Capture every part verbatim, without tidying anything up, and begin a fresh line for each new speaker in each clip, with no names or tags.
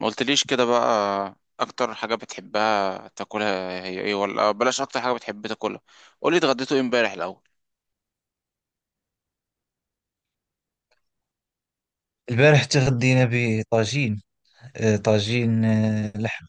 ما قلتليش كده بقى، اكتر حاجة بتحبها تاكلها هي ايه؟ ولا بلاش، اكتر حاجة بتحب تاكلها. قولي اتغديتوا ايه امبارح الاول.
البارح تغدينا بطاجين. آه، طاجين، آه، لحم.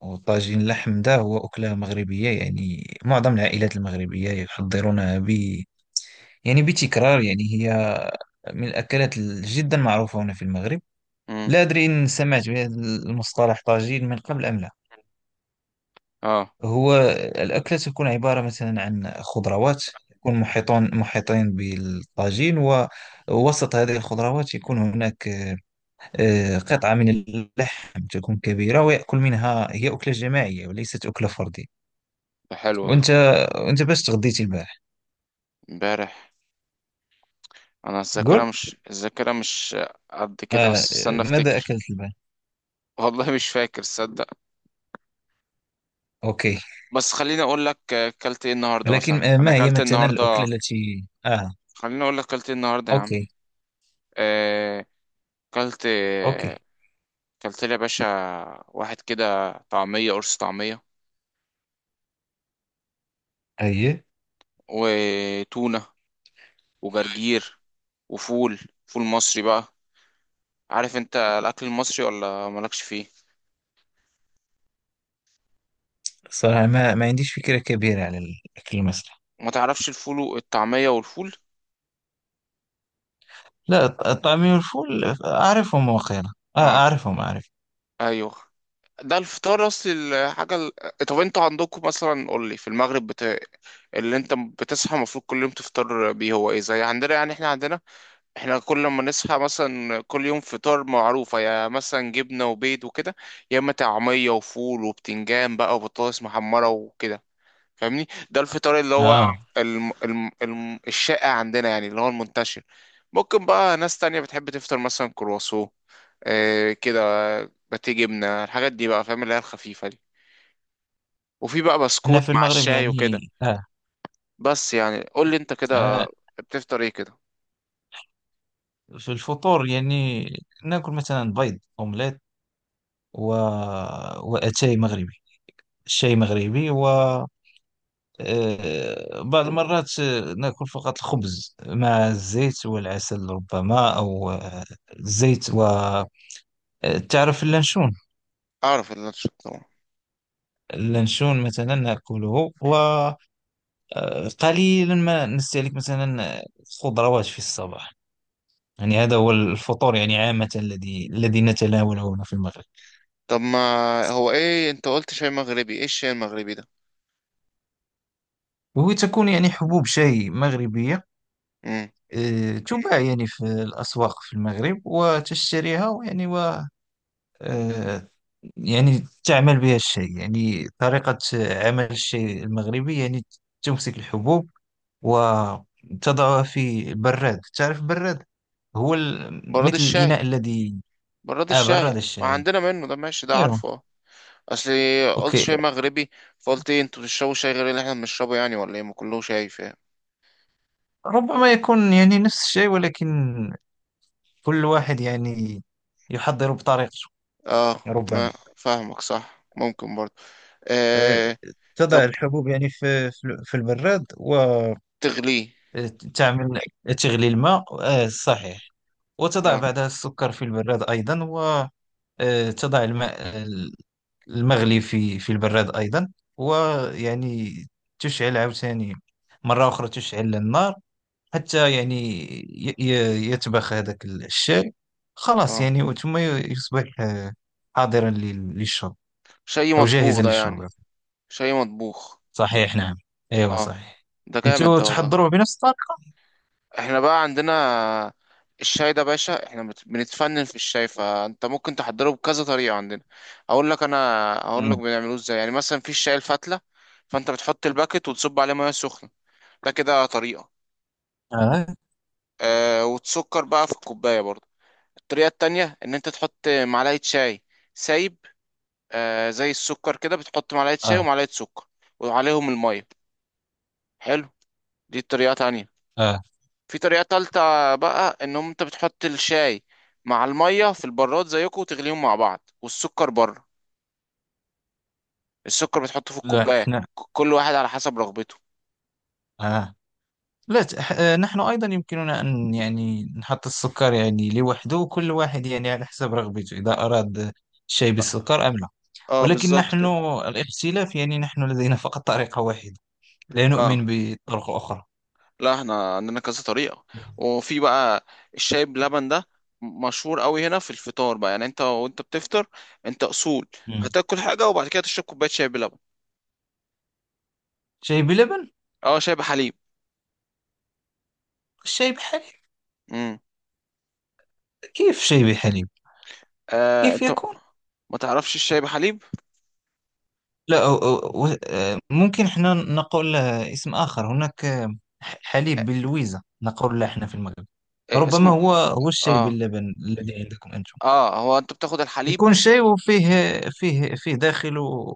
وطاجين اللحم ده هو أكلة مغربية. يعني معظم العائلات المغربية يحضرونها ب يعني بتكرار. يعني هي من الأكلات جدا معروفة هنا في المغرب.
امم
لا أدري إن سمعت بهذا المصطلح طاجين من قبل أم لا.
اه.
هو الأكلة تكون عبارة مثلا عن خضروات، يكون محيطون محيطين بالطاجين، ووسط هذه الخضروات يكون هناك آه، آه، قطعة من اللحم تكون كبيرة ويأكل منها. هي أكلة جماعية وليست أكلة فردية.
ده حلو ده.
وأنت وأنت باش تغديتي البارح؟
امبارح، انا الذاكرة
قول.
مش الذاكرة مش قد كده،
آه،
بس استنى
ماذا
افتكر.
أكلت البارح؟
والله مش فاكر صدق.
أوكي.
بس خليني اقول لك اكلت ايه النهارده.
ولكن
مثلا
آه،
انا
ما هي
اكلت
مثلا الأكلة
النهارده،
التي آه.
خليني اقول لك اكلت ايه النهارده يا عم.
أوكي.
آه، اكلت،
أوكي.
اكلت لي يا باشا واحد كده طعمية، قرص طعمية،
أي.
وتونة، وجرجير، وفول، فول مصري بقى. عارف انت الاكل المصري ولا مالكش فيه؟
صراحة ما ما عنديش فكرة كبيرة على الأكل المصري.
ما تعرفش الفول والطعمية والفول؟
لا، الط- الطعمية والفول أعرفهم، وقيلا آه،
اه،
أعرفهم، أعرف
ايوه، ده الفطار اصلي. الحاجة ال... طب انت عندكم مثلا، قول لي في المغرب، بت... اللي انت بتصحى المفروض كل يوم تفطر بيه هو ايه؟ زي عندنا يعني، احنا عندنا، احنا كل ما نصحى مثلا كل يوم، فطار معروفة، يا مثلا جبنة وبيض وكده، يا اما طعمية وفول وبتنجان بقى وبطاطس محمرة وكده، فاهمني؟ ده الفطار اللي هو
آه.
الم... الم... الم... الشائع عندنا، يعني اللي هو المنتشر. ممكن بقى ناس تانية بتحب تفطر مثلا كرواسون، آه كده، باتيه، جبنة، الحاجات دي بقى، فاهم؟ اللي هي الخفيفة دي. وفي بقى
هنا
بسكوت
في
مع
المغرب
الشاي وكده.
يعني آه.
بس يعني قول لي انت كده
آه،
بتفطر ايه كده؟
في الفطور يعني ناكل مثلا بيض أومليت و... واتاي مغربي، الشاي مغربي. و آه، بعض المرات آه، ناكل فقط الخبز مع الزيت والعسل ربما، او آه، الزيت و آه، تعرف اللانشون؟
اعرف اللانش طبعا.
اللانشون مثلا ناكله. وقليلا ما نستهلك مثلا خضروات في الصباح. يعني هذا هو الفطور يعني عامة الذي الذي نتناوله هنا في المغرب.
طب ما هو ايه، انت قلت شاي مغربي، ايه الشاي المغربي ده؟
وتكون يعني حبوب شاي مغربية،
امم.
آه، تباع يعني في الأسواق في المغرب وتشتريها، ويعني و آه، يعني تعمل بها الشاي. يعني طريقة عمل الشاي المغربي يعني تمسك الحبوب وتضعها في البراد. تعرف البراد؟ هو ال-
براد
مثل
الشاي،
الإناء الذي.
براد
آه، براد
الشاي ما
الشاي.
عندنا منه ده، ماشي، ده
ايوه.
عارفه اه. اصل قلت
أوكي.
شاي مغربي، فقلت إيه انتوا بتشربوا شاي غير اللي احنا بنشربه يعني؟ ولا ايه؟ ما كله شاي، فاهم؟
ربما يكون يعني نفس الشيء، ولكن كل واحد يعني يحضر بطريقته.
اه، ما
ربما.
فاهمك صح، ممكن برضه.
آه،
آه.
تضع
طب
الحبوب يعني في في في البراد،
تغليه.
وتعمل تغلي الماء، آه، صحيح. وتضع
اه.
بعدها السكر في البراد أيضا، وتضع الماء المغلي في في البراد أيضا. ويعني تشعل عاوتاني، مرة أخرى تشعل النار حتى يعني ي- ي- يتبخ هذاك الشاي. خلاص،
اه،
يعني ثم يصبح آه، حاضرا لل- للشرب،
شاي
أو
مطبوخ
جاهزا
ده
للشرب.
يعني. شاي مطبوخ.
صحيح، نعم. ايوه
اه.
صحيح.
ده جامد
انتوا
ده والله.
تحضروا بنفس الطريقة؟
احنا بقى عندنا الشاي ده باشا، احنا بت- بنتفنن في الشاي، فانت ممكن تحضره بكذا طريقة عندنا. اقول لك انا، اقول لك
مم.
بنعملوه ازاي، يعني مثلا في الشاي الفتلة، فانت بتحط الباكت وتصب عليه ميه سخنة، ده كده طريقة.
آه.
آه، وتسكر بقى في الكوباية برضو. الطريقة التانية ان انت تحط معلقة شاي سايب، آه زي السكر كده، بتحط معلقة شاي
آه.
ومعلقة سكر وعليهم المية، حلو، دي طريقة تانية.
آه.
في طريقة تالتة بقى، ان هم- انت بتحط الشاي مع المية في البراد زيكم وتغليهم مع بعض، والسكر بره، السكر بتحطه في
لا
الكوباية، ك-
احنا.
كل واحد على حسب رغبته.
آه. لا ت- ح- آه، نحن أيضا يمكننا أن يعني نحط السكر يعني لوحده، وكل واحد يعني على حسب رغبته، إذا أراد شيء بالسكر أم لا.
اه
ولكن
بالظبط
نحن
كده.
الاختلاف يعني نحن لدينا فقط طريقة واحدة، لا
اه،
نؤمن بطرق أخرى.
لا احنا عندنا كذا طريقة. وفي بقى الشاي بلبن ده مشهور قوي هنا في الفطار بقى، يعني انت وانت بتفطر انت اصول،
مم.
هتاكل حاجة وبعد كده تشرب كوباية شاي بلبن.
شاي بلبن؟
اه، شاي بحليب.
شاي بحليب.
امم.
كيف شاي بحليب؟
آه
كيف
انت
يكون؟
ما تعرفش الشاي بحليب؟
لا، أو أو و- آه، ممكن احنا نقول آه، اسم آخر هناك. آه، ح-
آه،
حليب باللويزة نقول له احنا في المغرب.
آه،
ربما
اسمه
هو هو الشاي
اه.
باللبن الذي عندكم أنتم.
اه هو انت بتاخد الحليب.
يكون شاي وفيه، فيه فيه داخله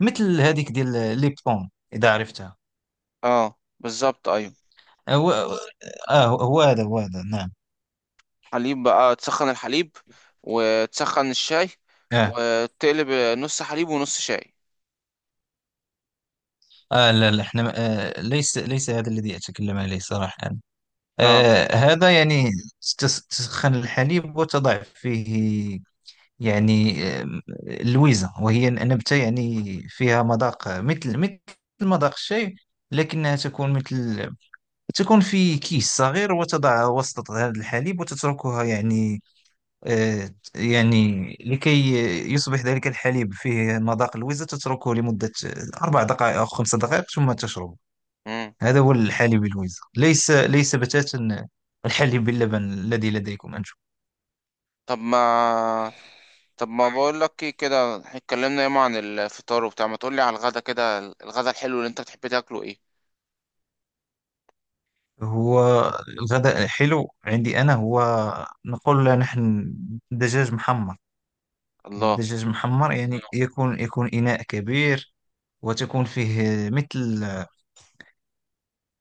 مثل هذيك ديال ليبتون، إذا عرفتها.
اه بالظبط، ايوه.
هو آه، هو هو هذا هو هذا نعم.
حليب بقى، تسخن الحليب وتسخن الشاي
آه
وتقلب، نص حليب ونص شاي.
آه. لا لا احنا ما- آه ليس، ليس هذا الذي أتكلم عليه صراحة.
اه.
آه، هذا يعني تس- تسخن الحليب وتضع فيه يعني آم، لويزة، وهي نبتة يعني فيها مذاق مثل، مثل مذاق الشاي. لكنها تكون مثل، تكون في كيس صغير وتضعها وسط هذا الحليب وتتركها يعني، آه، يعني لكي يصبح ذلك الحليب فيه مذاق الويزة. تتركه لمدة أربع دقائق أو خمس دقائق ثم تشربه.
امم.
هذا هو الحليب الويزة، ليس، ليس بتاتا الحليب باللبن الذي لديكم أنتم.
طب ما طب ما بقول لك ايه كده، إحنا اتكلمنا ياما عن الفطار وبتاع، ما تقول لي على الغدا كده، الغدا الحلو اللي انت بتحب تاكله ايه؟
هو الغداء حلو عندي أنا، هو نقول له نحن دجاج محمر.
الله.
الدجاج محمر يعني يكون، يكون إناء كبير، وتكون فيه مثل،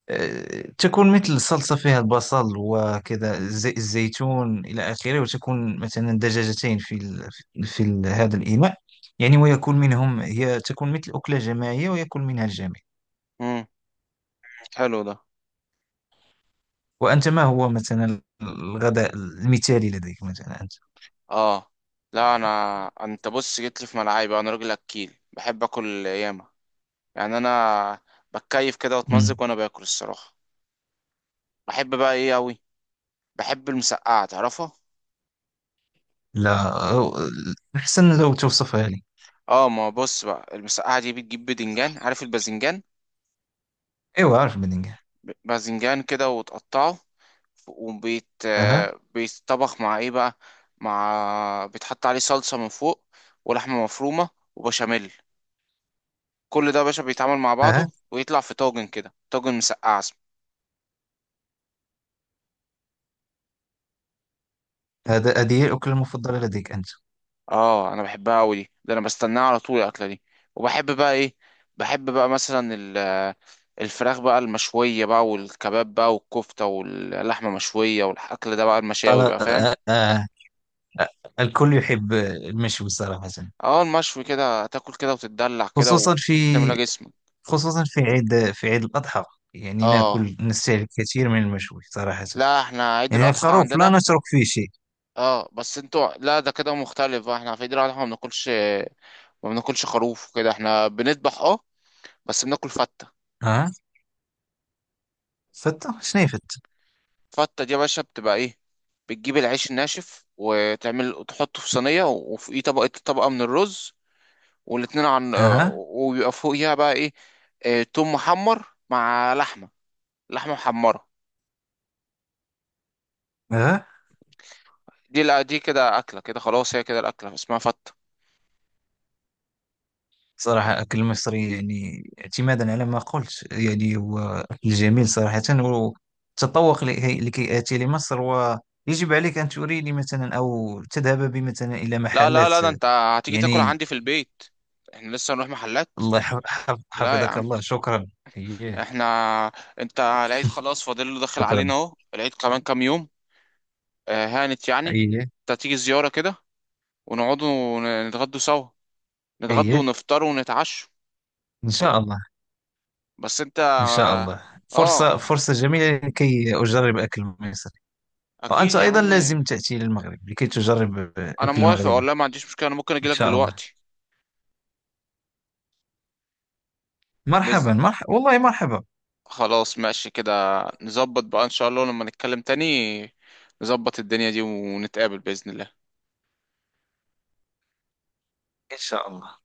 آه، تكون مثل صلصة فيها البصل وكذا زي الزيتون إلى آخره، وتكون مثلا دجاجتين في ال... في ال... هذا الإناء يعني. ويكون منهم، هي تكون مثل أكلة جماعية ويكون منها الجميع.
امم، حلو ده.
وأنت ما هو مثلا الغداء المثالي لديك مثلا أنت؟
اه لا انا، انت بص جيت لي في ملعبي بقى، انا راجل اكيل، بحب اكل ياما، يعني انا بتكيف كده واتمزج وانا باكل الصراحه. بحب بقى ايه اوي، بحب المسقعه، تعرفها؟
لا، أحسن لو توصفها لي.
اه ما بص بقى، المسقعه دي بتجيب بدنجان، عارف الباذنجان؟
أيوة، عارف بلينجهام.
باذنجان كده وتقطعه، وبيت
أها.
آه، بيتطبخ مع ايه بقى، مع بيتحط عليه صلصة من فوق، ولحمة مفرومة، وبشاميل، كل ده يا باشا بيتعمل مع
أها،
بعضه ويطلع في طاجن كده، طاجن مسقعة اسمه.
هذا هذه هي الأكلة المفضلة لديك أنت؟
اه انا بحبها قوي دي، ده انا بستناها على طول الاكلة دي. وبحب بقى ايه، بحب بقى مثلا ال- آه، الفراخ بقى المشوية بقى، والكباب بقى، والكفتة، واللحمة مشوية، والأكل ده بقى،
قال.
المشاوي بقى، فاهم؟
آه آه. الكل يحب المشوي صراحة.
اه المشوي كده تاكل كده وتتدلع كده
خصوصا في
وتملى جسمك.
خصوصا في عيد، في عيد الأضحى يعني
اه
ناكل، نستهلك كثير من المشوي صراحة.
لا احنا عيد
يعني
الاضحى
الخروف لا
عندنا،
نترك فيه شيء.
اه بس انتوا لا، ده كده مختلف بقى، احنا في عيد الاضحى ما بناكلش، ما بناكلش خروف وكده، احنا بنذبح اه، بس بناكل فته.
أها. فتة شنو هي فتة؟
فته دي يا باشا بتبقى ايه، بتجيب العيش الناشف وتعمل وتحطه في صينيه، وفوقيه طبقه طبقه من الرز، والاتنين عن آه،
أها.
وبيبقى فوقيها بقى ايه، آه، توم محمر مع لحمه، لحمه محمره.
أها.
دي لا دي كده اكله كده خلاص، هي كده الاكله، اسمها فته.
صراحة أكل المصري يعني اعتمادا على ما قلت يعني هو أكل جميل صراحة. والتذوق، لكي لكي آتي لمصر ويجب عليك أن تريني مثلا، أو تذهب بي مثلا إلى
لا لا
محلات
لا ده انت هتيجي تاكل
يعني.
عندي في البيت، احنا لسه هنروح محلات.
الله يحف- حف-
لا يا
حفظك
عم،
الله، شكرا. أيه.
احنا انت العيد خلاص فاضل له، داخل
شكرا.
علينا اهو العيد كمان كام يوم، آه، هانت يعني،
أيه.
انت تيجي زياره كده، ونقعد ونتغدوا سوا، نتغدوا
أيه.
ونفطر ونتعشوا.
إن شاء الله.
بس انت
إن شاء الله.
اه،
فرصة فرصة جميلة لكي أجرب أكل مصري.
اكيد
وأنت
يا
أيضا
عم،
لازم تأتي للمغرب لكي تجرب
انا
أكل
موافق
المغربي.
والله، ما عنديش مشكله، انا ممكن
إن
اجيلك
شاء الله.
دلوقتي. بس
مرحبا، مرحبا والله، مرحبا.
خلاص ماشي كده، نظبط بقى ان شاء الله لما نتكلم تاني، نظبط الدنيا دي ونتقابل بإذن الله.
ان شاء الله.